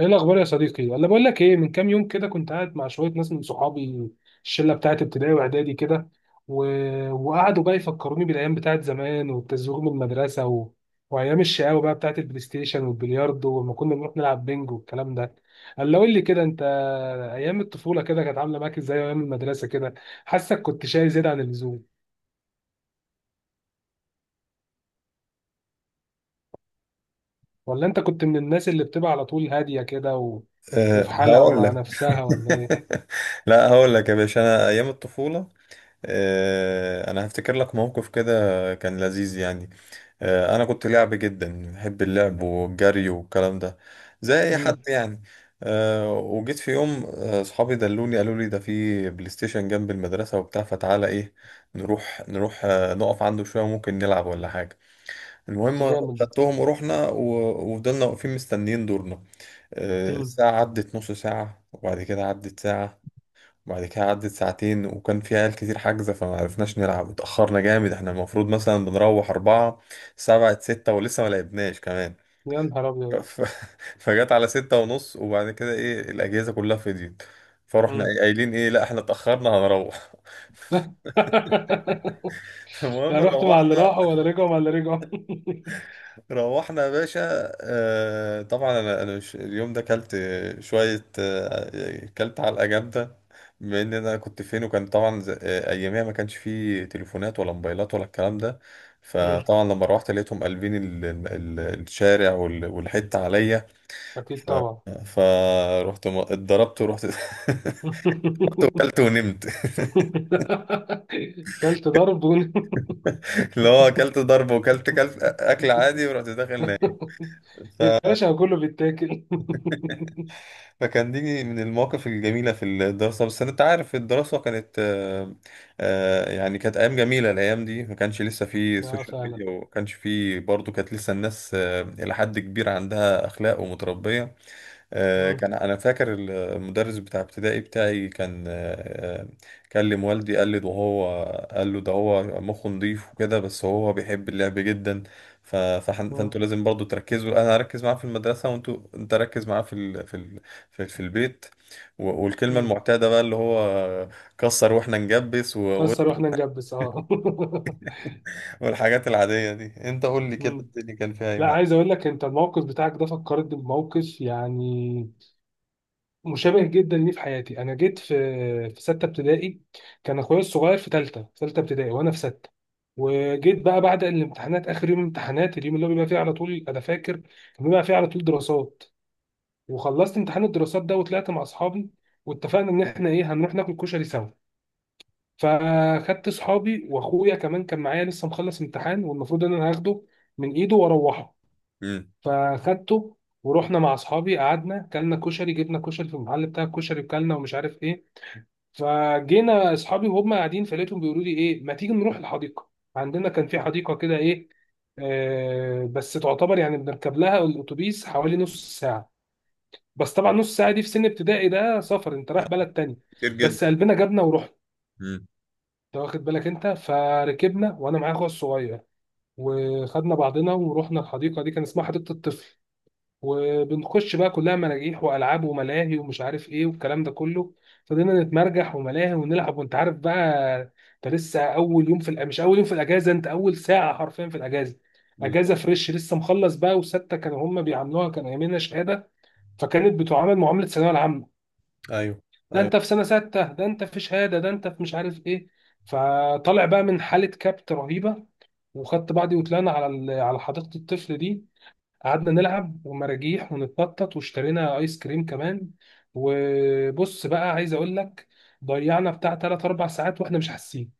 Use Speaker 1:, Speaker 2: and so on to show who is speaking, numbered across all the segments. Speaker 1: ايه الاخبار يا صديقي؟ ولا بقول لك ايه، من كام يوم كده كنت قاعد مع شويه ناس من صحابي، الشله بتاعت ابتدائي واعدادي كده و... وقعدوا بقى يفكروني بالايام بتاعت زمان والتزويغ من المدرسه وايام الشقاوه بقى بتاعت البلاي ستيشن والبلياردو، ولما كنا بنروح نلعب بينج والكلام ده. قول لي كده انت، ايام الطفوله كده كانت عامله معاك ازاي؟ ايام المدرسه كده، حاسك كنت شاي زياده عن اللزوم، ولا انت كنت من الناس اللي بتبقى على طول هاديه كده وفي
Speaker 2: أه
Speaker 1: حالها
Speaker 2: هقول
Speaker 1: ومع
Speaker 2: لك.
Speaker 1: نفسها، ولا ايه؟
Speaker 2: لا هقول لك يا باشا، انا ايام الطفوله. أه انا هفتكر لك موقف كده، كان لذيذ يعني. أه انا كنت لعب جدا، بحب اللعب والجري والكلام ده، زي اي حد
Speaker 1: امم.
Speaker 2: يعني. أه وجيت في يوم اصحابي دلوني، قالوا لي ده في بلاي ستيشن جنب المدرسه وبتاع، فتعالى ايه نروح نروح نقف عنده شويه، ممكن نلعب ولا حاجه. المهم
Speaker 1: جامد ده.
Speaker 2: خدتهم ورحنا وفضلنا واقفين مستنيين دورنا.
Speaker 1: امم.
Speaker 2: الساعة عدت نص ساعة، وبعد كده عدت ساعة، وبعد كده عدت ساعتين. وكان في عيال كتير حاجزة، فما عرفناش نلعب. اتأخرنا جامد، احنا المفروض مثلا بنروح أربعة، سبعة ستة ولسه ما لعبناش كمان.
Speaker 1: يا نهار ابيض.
Speaker 2: ف... فجت على 6:30، وبعد كده ايه الأجهزة كلها فضيت. فروحنا
Speaker 1: مم.
Speaker 2: إيه قايلين ايه، لا احنا اتأخرنا هنروح. المهم
Speaker 1: لا، رحت مع اللي
Speaker 2: روحنا.
Speaker 1: راحوا ولا رجعوا مع اللي رجعوا؟
Speaker 2: روحنا يا باشا. آه طبعا انا مش اليوم ده كلت شويه، آه كلت علقه جامده. بما ان انا كنت فين، وكان طبعا اياميها ما كانش فيه تليفونات ولا موبايلات ولا الكلام ده.
Speaker 1: مم.
Speaker 2: فطبعا لما روحت لقيتهم قلبين الشارع والحته عليا.
Speaker 1: أكيد طبعا.
Speaker 2: فروحت اتضربت ورحت. رحت وكلت ونمت.
Speaker 1: كلت ضرب
Speaker 2: اللي هو اكلت ضرب وكلت اكل عادي، ورحت داخل نايم.
Speaker 1: يا باشا كله بيتاكل.
Speaker 2: فكان دي من المواقف الجميلة في الدراسة. بس أنت عارف الدراسة كانت يعني كانت أيام جميلة. الأيام دي ما كانش لسه في
Speaker 1: لا
Speaker 2: سوشيال
Speaker 1: فعلا.
Speaker 2: ميديا، وما كانش في برضه، كانت لسه الناس إلى حد كبير عندها أخلاق ومتربية. آه،
Speaker 1: مم.
Speaker 2: كان انا فاكر. المدرس بتاع ابتدائي بتاعي كان كلم والدي. قال لي ده هو، قال له ده هو مخه نضيف وكده، بس هو بيحب اللعب جدا. فانتوا
Speaker 1: مم.
Speaker 2: لازم برضو تركزوا. انا اركز معاه في المدرسه، وانتوا، انت ركز معاه في البيت. والكلمه
Speaker 1: مم.
Speaker 2: المعتاده بقى اللي هو كسر واحنا نجبس.
Speaker 1: كسر
Speaker 2: و-
Speaker 1: واحنا نجبس، اه.
Speaker 2: والحاجات العاديه دي. انت قول لي كده،
Speaker 1: مم.
Speaker 2: الدنيا كان فيها ايه
Speaker 1: لا،
Speaker 2: معاك؟
Speaker 1: عايز اقول لك، انت الموقف بتاعك ده فكرت بموقف يعني مشابه جدا ليه في حياتي. انا جيت في سته ابتدائي، كان اخويا الصغير في ثالثه ابتدائي وانا في سته. وجيت بقى بعد الامتحانات، اخر يوم امتحانات اليوم اللي هو بيبقى فيه على طول، انا فاكر كان بيبقى فيه على طول دراسات. وخلصت امتحان الدراسات ده وطلعت مع اصحابي، واتفقنا ان احنا ايه، هنروح ناكل كشري سوا. فخدت اصحابي، واخويا كمان كان معايا لسه مخلص امتحان، والمفروض ان انا هاخده من ايده واروحه.
Speaker 2: امم.
Speaker 1: فخدته ورحنا مع اصحابي، قعدنا كلنا كشري، جبنا كشري في المحل بتاع الكشري وكلنا ومش عارف ايه. فجينا اصحابي وهم قاعدين، فلقيتهم بيقولوا لي ايه، ما تيجي نروح الحديقه؟ عندنا كان في حديقه كده ايه، آه، بس تعتبر يعني بنركب لها الاتوبيس حوالي نص ساعه. بس طبعا نص ساعه دي في سن ابتدائي ده سفر، انت رايح بلد تاني.
Speaker 2: كتير جدا.
Speaker 1: بس قلبنا جابنا ورحنا.
Speaker 2: امم.
Speaker 1: انت واخد بالك؟ انت فركبنا وانا معايا اخويا الصغير، وخدنا بعضنا ورحنا الحديقه دي، كان اسمها حديقه الطفل. وبنخش بقى كلها مراجيح والعاب وملاهي ومش عارف ايه والكلام ده كله. فضلنا نتمرجح وملاهي ونلعب، وانت عارف بقى، انت لسه اول يوم في مش اول يوم في الاجازه، انت اول ساعه حرفيا في الاجازه.
Speaker 2: بالظبط.
Speaker 1: اجازه فريش لسه مخلص بقى، وسته كانوا هم بيعاملوها كان ايامنا شهاده، فكانت بتعامل معامله الثانويه العامه.
Speaker 2: ايوه.
Speaker 1: ده
Speaker 2: ايوه.
Speaker 1: انت في سنه سته، ده انت في شهاده، ده انت في مش عارف ايه. فطالع بقى من حاله كبت رهيبه، وخدت بعضي وطلعنا على على حديقه الطفل دي، قعدنا نلعب ومراجيح ونتنطط، واشترينا ايس كريم كمان. وبص بقى عايز اقول لك، ضيعنا بتاع 3 4 ساعات واحنا مش حاسين،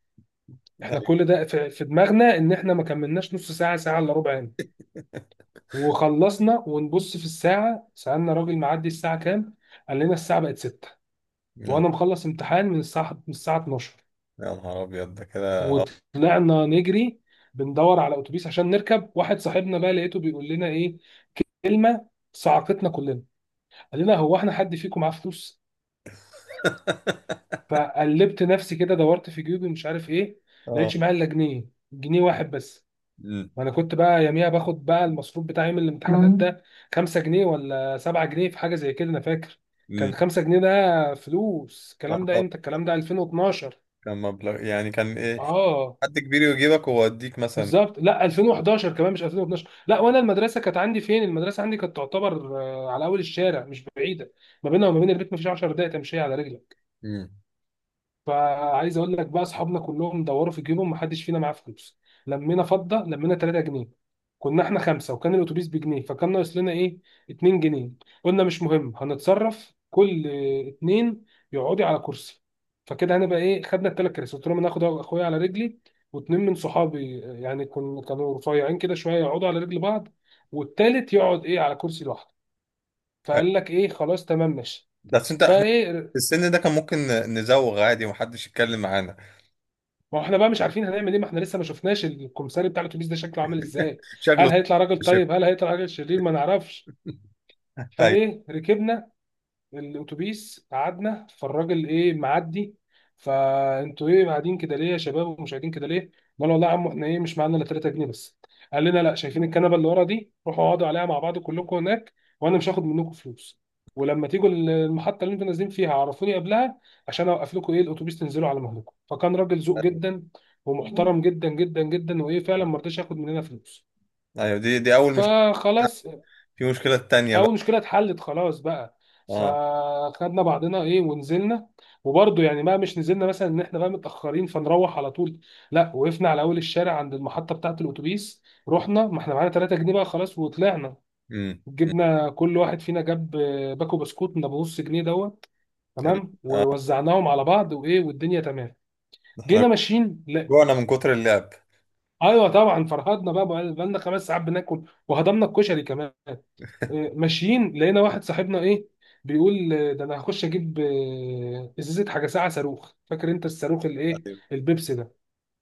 Speaker 1: احنا
Speaker 2: ايوه
Speaker 1: كل ده في دماغنا ان احنا ما كملناش نص ساعه، ساعه الا ربع يعني. وخلصنا ونبص في الساعه، سالنا راجل معدي الساعه كام، قال لنا الساعه بقت 6.
Speaker 2: يا
Speaker 1: وانا مخلص امتحان من الساعه 12.
Speaker 2: يا نهار ابيض ده كده.
Speaker 1: وطلعنا نجري بندور على اتوبيس عشان نركب، واحد صاحبنا بقى لقيته بيقول لنا ايه، كلمه صعقتنا كلنا، قال لنا هو احنا حد فيكم معاه فلوس؟ فقلبت نفسي كده، دورت في جيوبي مش عارف ايه،
Speaker 2: اه.
Speaker 1: لقيتش معايا الا جنيه، جنيه واحد بس.
Speaker 2: مم.
Speaker 1: وانا كنت بقى يوميها باخد بقى المصروف بتاعي يوم الامتحانات مم. ده خمسة جنيه ولا سبعة جنيه، في حاجة زي كده انا فاكر كان
Speaker 2: مم.
Speaker 1: خمسة جنيه. ده فلوس،
Speaker 2: لا
Speaker 1: الكلام ده
Speaker 2: طبعا.
Speaker 1: امتى؟ الكلام ده 2012.
Speaker 2: كان مبلغ يعني كان ايه،
Speaker 1: اه
Speaker 2: حد كبير يجيبك ويوديك مثلا.
Speaker 1: بالظبط، لا 2011 كمان، مش 2012. لا، وانا المدرسه كانت عندي فين؟ المدرسه عندي كانت تعتبر على اول الشارع، مش بعيده، ما بينها وما بين البيت مفيش 10 دقائق تمشي على رجلك.
Speaker 2: مم.
Speaker 1: فعايز اقول لك بقى، اصحابنا كلهم دوروا في جيبهم محدش فينا معاه فلوس، لمينا فضه لمينا 3 جنيه. كنا احنا خمسه، وكان الاتوبيس بجنيه، فكان ناقص لنا ايه، 2 جنيه. قلنا مش مهم هنتصرف، كل اتنين يقعدي على كرسي، فكده هنبقى ايه، خدنا الثلاث كراسي، قلت لهم انا هاخد اخويا على رجلي، واتنين من صحابي يعني كانوا رفيعين كده شويه يقعدوا على رجل بعض، والتالت يقعد ايه على كرسي لوحده. فقال لك ايه، خلاص تمام ماشي.
Speaker 2: بس انت احنا
Speaker 1: فايه،
Speaker 2: في السن ده، كان ممكن نزوغ عادي ومحدش يتكلم معانا.
Speaker 1: ما هو احنا بقى مش عارفين هنعمل ايه، ما احنا لسه ما شفناش الكمساري بتاع الاتوبيس ده شكله عامل ازاي، هل
Speaker 2: شكله.
Speaker 1: هيطلع راجل
Speaker 2: شف.
Speaker 1: طيب، هل هيطلع راجل شرير، ما نعرفش.
Speaker 2: ايوه.
Speaker 1: فايه ركبنا الاتوبيس قعدنا، فالراجل ايه معدي، فانتوا ايه قاعدين كده ليه يا شباب، ومش قاعدين كده ليه؟ قال والله يا عم احنا ايه مش معانا الا 3 جنيه بس. قال لنا، لا، شايفين الكنبه اللي ورا دي، روحوا اقعدوا عليها مع بعض كلكم هناك، وانا مش هاخد منكم فلوس. ولما تيجوا المحطه اللي انتوا نازلين فيها عرفوني قبلها عشان اوقف لكم ايه الاتوبيس تنزلوا على مهلكم. فكان راجل ذوق
Speaker 2: ايوه.
Speaker 1: جدا ومحترم جدا جدا جدا، وايه، فعلا ما رضاش ياخد مننا فلوس.
Speaker 2: ايوه دي اول مشكله،
Speaker 1: فخلاص،
Speaker 2: في مشكله تانية
Speaker 1: او
Speaker 2: بقى.
Speaker 1: المشكله اتحلت خلاص بقى.
Speaker 2: اه.
Speaker 1: فخدنا بعضنا ايه ونزلنا. وبرضه يعني ما مش نزلنا مثلا ان احنا بقى متاخرين فنروح على طول، لا، وقفنا على اول الشارع عند المحطه بتاعه الاتوبيس، رحنا ما احنا معانا 3 جنيه بقى خلاص وطلعنا.
Speaker 2: امم.
Speaker 1: جبنا كل واحد فينا جاب باكو بسكوت من ابو نص جنيه دوت،
Speaker 2: كمان
Speaker 1: تمام، ووزعناهم على بعض، وايه، والدنيا تمام.
Speaker 2: احنا
Speaker 1: جينا ماشيين، لا،
Speaker 2: جوعنا من كتر اللعب.
Speaker 1: ايوه طبعا فرهدنا بقى، بقى لنا خمس ساعات بناكل وهضمنا الكشري كمان. ماشيين لقينا واحد صاحبنا ايه بيقول ده انا هخش اجيب ازازه حاجه ساعه صاروخ. فاكر انت الصاروخ الايه؟
Speaker 2: ايوه.
Speaker 1: البيبسي ده.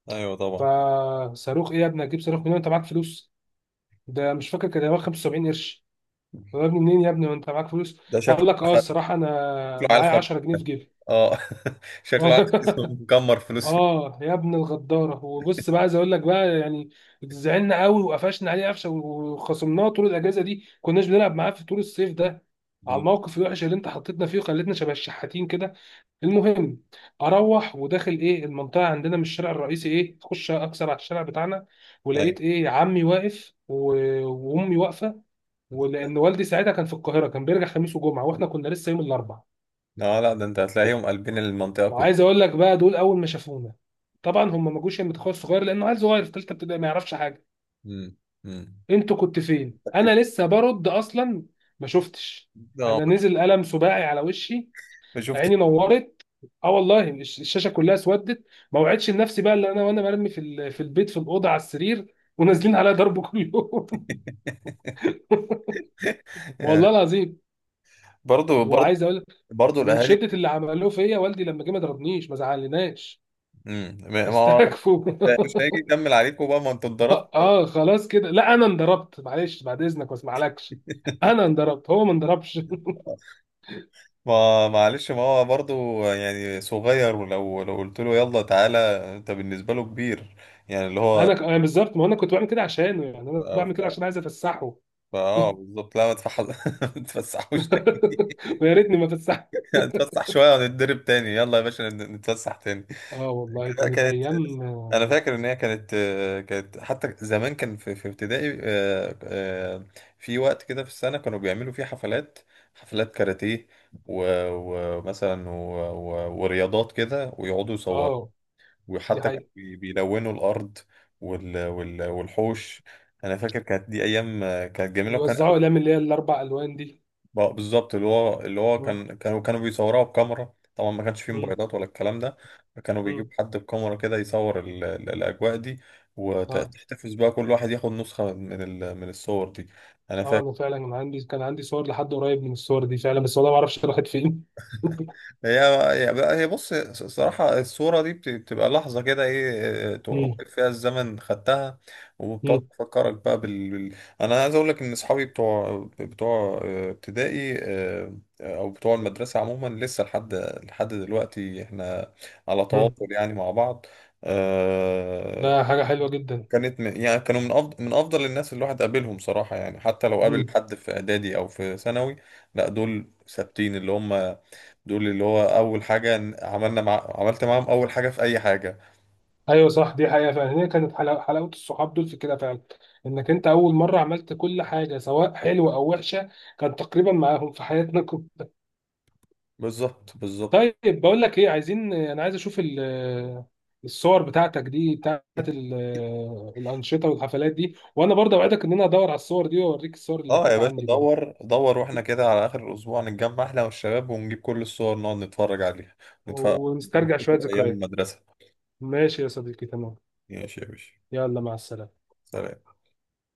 Speaker 2: ايوه طبعا.
Speaker 1: فصاروخ ايه يا ابني، هتجيب صاروخ منين، انت معاك فلوس؟ ده مش فاكر كان هو 75 قرش. طب يا ابني منين يا ابني، وانت معاك فلوس؟
Speaker 2: ده شكله.
Speaker 1: قال لك اه،
Speaker 2: خ-
Speaker 1: الصراحه انا
Speaker 2: شكله عيل
Speaker 1: معايا
Speaker 2: خبيث.
Speaker 1: 10 جنيه في جيبي.
Speaker 2: اه. شكله عيل خبيث، مكمر فلوس فيه.
Speaker 1: اه يا ابن الغداره. وبص بقى عايز اقول لك بقى يعني، زعلنا قوي وقفشنا عليه قفشه، وخصمناه طول الاجازه دي كناش بنلعب معاه في طول الصيف ده، على
Speaker 2: مم.
Speaker 1: الموقف الوحش اللي انت حطيتنا فيه وخلتنا شبه الشحاتين كده. المهم، اروح وداخل ايه المنطقه عندنا من الشارع الرئيسي، ايه اخش اكسر على الشارع بتاعنا،
Speaker 2: ايوه.
Speaker 1: ولقيت ايه عمي واقف وامي واقفه. ولان والدي ساعتها كان في القاهره، كان بيرجع خميس وجمعه، واحنا كنا لسه يوم الاربعاء.
Speaker 2: لا لا، ده انت هتلاقيهم قلبين المنطقة كلها.
Speaker 1: وعايز اقول لك بقى، دول اول ما شافونا، طبعا هم ما جوش المتخصص صغير لانه عيل صغير في ثالثه ابتدائي ما يعرفش حاجه.
Speaker 2: امم. امم.
Speaker 1: انتوا كنت فين؟ انا لسه برد اصلا ما شفتش،
Speaker 2: اه.
Speaker 1: انا نزل قلم سباعي على وشي،
Speaker 2: ما شفت.
Speaker 1: عيني نورت، اه والله الشاشه كلها اسودت. ما وعدتش لنفسي بقى اللي انا، وانا مرمي في في البيت في الاوضه على السرير، ونازلين عليا ضرب كل يوم.
Speaker 2: يعني.
Speaker 1: والله العظيم.
Speaker 2: برضو برضو،
Speaker 1: وعايز اقول لك،
Speaker 2: برضو
Speaker 1: من
Speaker 2: الاهالي.
Speaker 1: شده اللي عملوه فيا، والدي لما جه ما ضربنيش، ما زعلناش،
Speaker 2: امم. ما هو
Speaker 1: استكفوا.
Speaker 2: مش هيجي يكمل عليكم بقى، ما انتوا
Speaker 1: اه
Speaker 2: اتضربتوا.
Speaker 1: خلاص كده، لا انا انضربت، معلش بعد اذنك ما اسمعلكش، انا انضربت هو ما انضربش.
Speaker 2: ما معلش، ما هو برضو يعني صغير، ولو قلت له يلا تعالى، انت بالنسبة له كبير. يعني اللي هو
Speaker 1: أنا بالظبط، ما انا كنت بعمل كده عشانه يعني،
Speaker 2: ف-
Speaker 1: انا بعمل كده
Speaker 2: ف-
Speaker 1: عشان عايز افسحه.
Speaker 2: فاه بالظبط. لا ما تفح- ما تفسحوش تاني.
Speaker 1: ويا ريتني ما فسحت.
Speaker 2: نتفسح شوية ونتدرب تاني، يلا يا باشا نتفسح تاني.
Speaker 1: اه والله
Speaker 2: لا،
Speaker 1: كانت
Speaker 2: كانت.
Speaker 1: ايام،
Speaker 2: انا
Speaker 1: اه
Speaker 2: فاكر ان هي كانت كانت. حتى زمان كان في ابتدائي في وقت كده في السنه كانوا بيعملوا فيه حفلات. حفلات كاراتيه و- ومثلا ورياضات كده ويقعدوا يصوروا.
Speaker 1: آه، دي
Speaker 2: وحتى كانوا
Speaker 1: حقيقة.
Speaker 2: بيلونوا الارض والحوش. انا فاكر كانت دي ايام كانت جميله. وكان
Speaker 1: ويوزعوا اقلام اللي هي الاربع الوان دي.
Speaker 2: بالظبط، اللي هو
Speaker 1: مم،
Speaker 2: كان كانوا بيصوروها بكاميرا. طبعا ما كانش فيه
Speaker 1: مم،
Speaker 2: موبايلات ولا الكلام ده. فكانوا بيجيب
Speaker 1: مم.
Speaker 2: حد بكاميرا كده يصور الاجواء دي.
Speaker 1: اه.
Speaker 2: وتحتفظ بقى كل واحد ياخد نسخة من الصور دي. انا
Speaker 1: اه
Speaker 2: فاكر.
Speaker 1: انا فعلا كان عندي، كان عندي صور لحد قريب من الصور دي فعلا، بس والله ما اعرفش راحت فين.
Speaker 2: هي هي بقى- هي بص الصراحة، الصورة دي بتبقى لحظة كده، ايه،
Speaker 1: مم،
Speaker 2: توقف فيها الزمن خدتها. وبتقعد
Speaker 1: مم،
Speaker 2: تفكرك بقى. انا عايز اقول لك ان اصحابي بتوع ابتدائي او بتوع المدرسة عموما، لسه لحد دلوقتي احنا على
Speaker 1: مم.
Speaker 2: تواصل يعني مع بعض. آه،
Speaker 1: ده حاجة حلوة جدا.
Speaker 2: وكانت يعني كانوا من افضل الناس اللي الواحد قابلهم صراحة يعني، حتى لو قابل حد في اعدادي او في ثانوي. لا دول ثابتين اللي هم. دول اللي هو اول حاجه عملنا عملت معاهم اول حاجه في اي حاجه.
Speaker 1: ايوه صح، دي حقيقه فعلا، هي كانت حلاوه، حلاوه الصحاب دول في كده فعلا، انك انت اول مره عملت كل حاجه سواء حلوه او وحشه كان تقريبا معاهم في حياتنا كلها.
Speaker 2: بالظبط بالظبط.
Speaker 1: طيب بقول لك ايه، عايز اشوف آه، الصور بتاعتك دي بتاعت آه، الانشطه والحفلات دي، وانا برضه اوعدك ان انا ادور على الصور دي واوريك الصور اللي
Speaker 2: اه يا
Speaker 1: كانت
Speaker 2: باشا،
Speaker 1: عندي برضه،
Speaker 2: دور دور. واحنا كده على اخر الاسبوع نتجمع احنا والشباب ونجيب كل الصور نقعد نتفرج عليها. نتفرج،
Speaker 1: ونسترجع
Speaker 2: نفتكر
Speaker 1: شويه
Speaker 2: ايام
Speaker 1: ذكريات.
Speaker 2: المدرسه.
Speaker 1: ماشي يا صديقي، تمام.
Speaker 2: ماشي يا باشا.
Speaker 1: يلا، مع السلامه.
Speaker 2: سلام.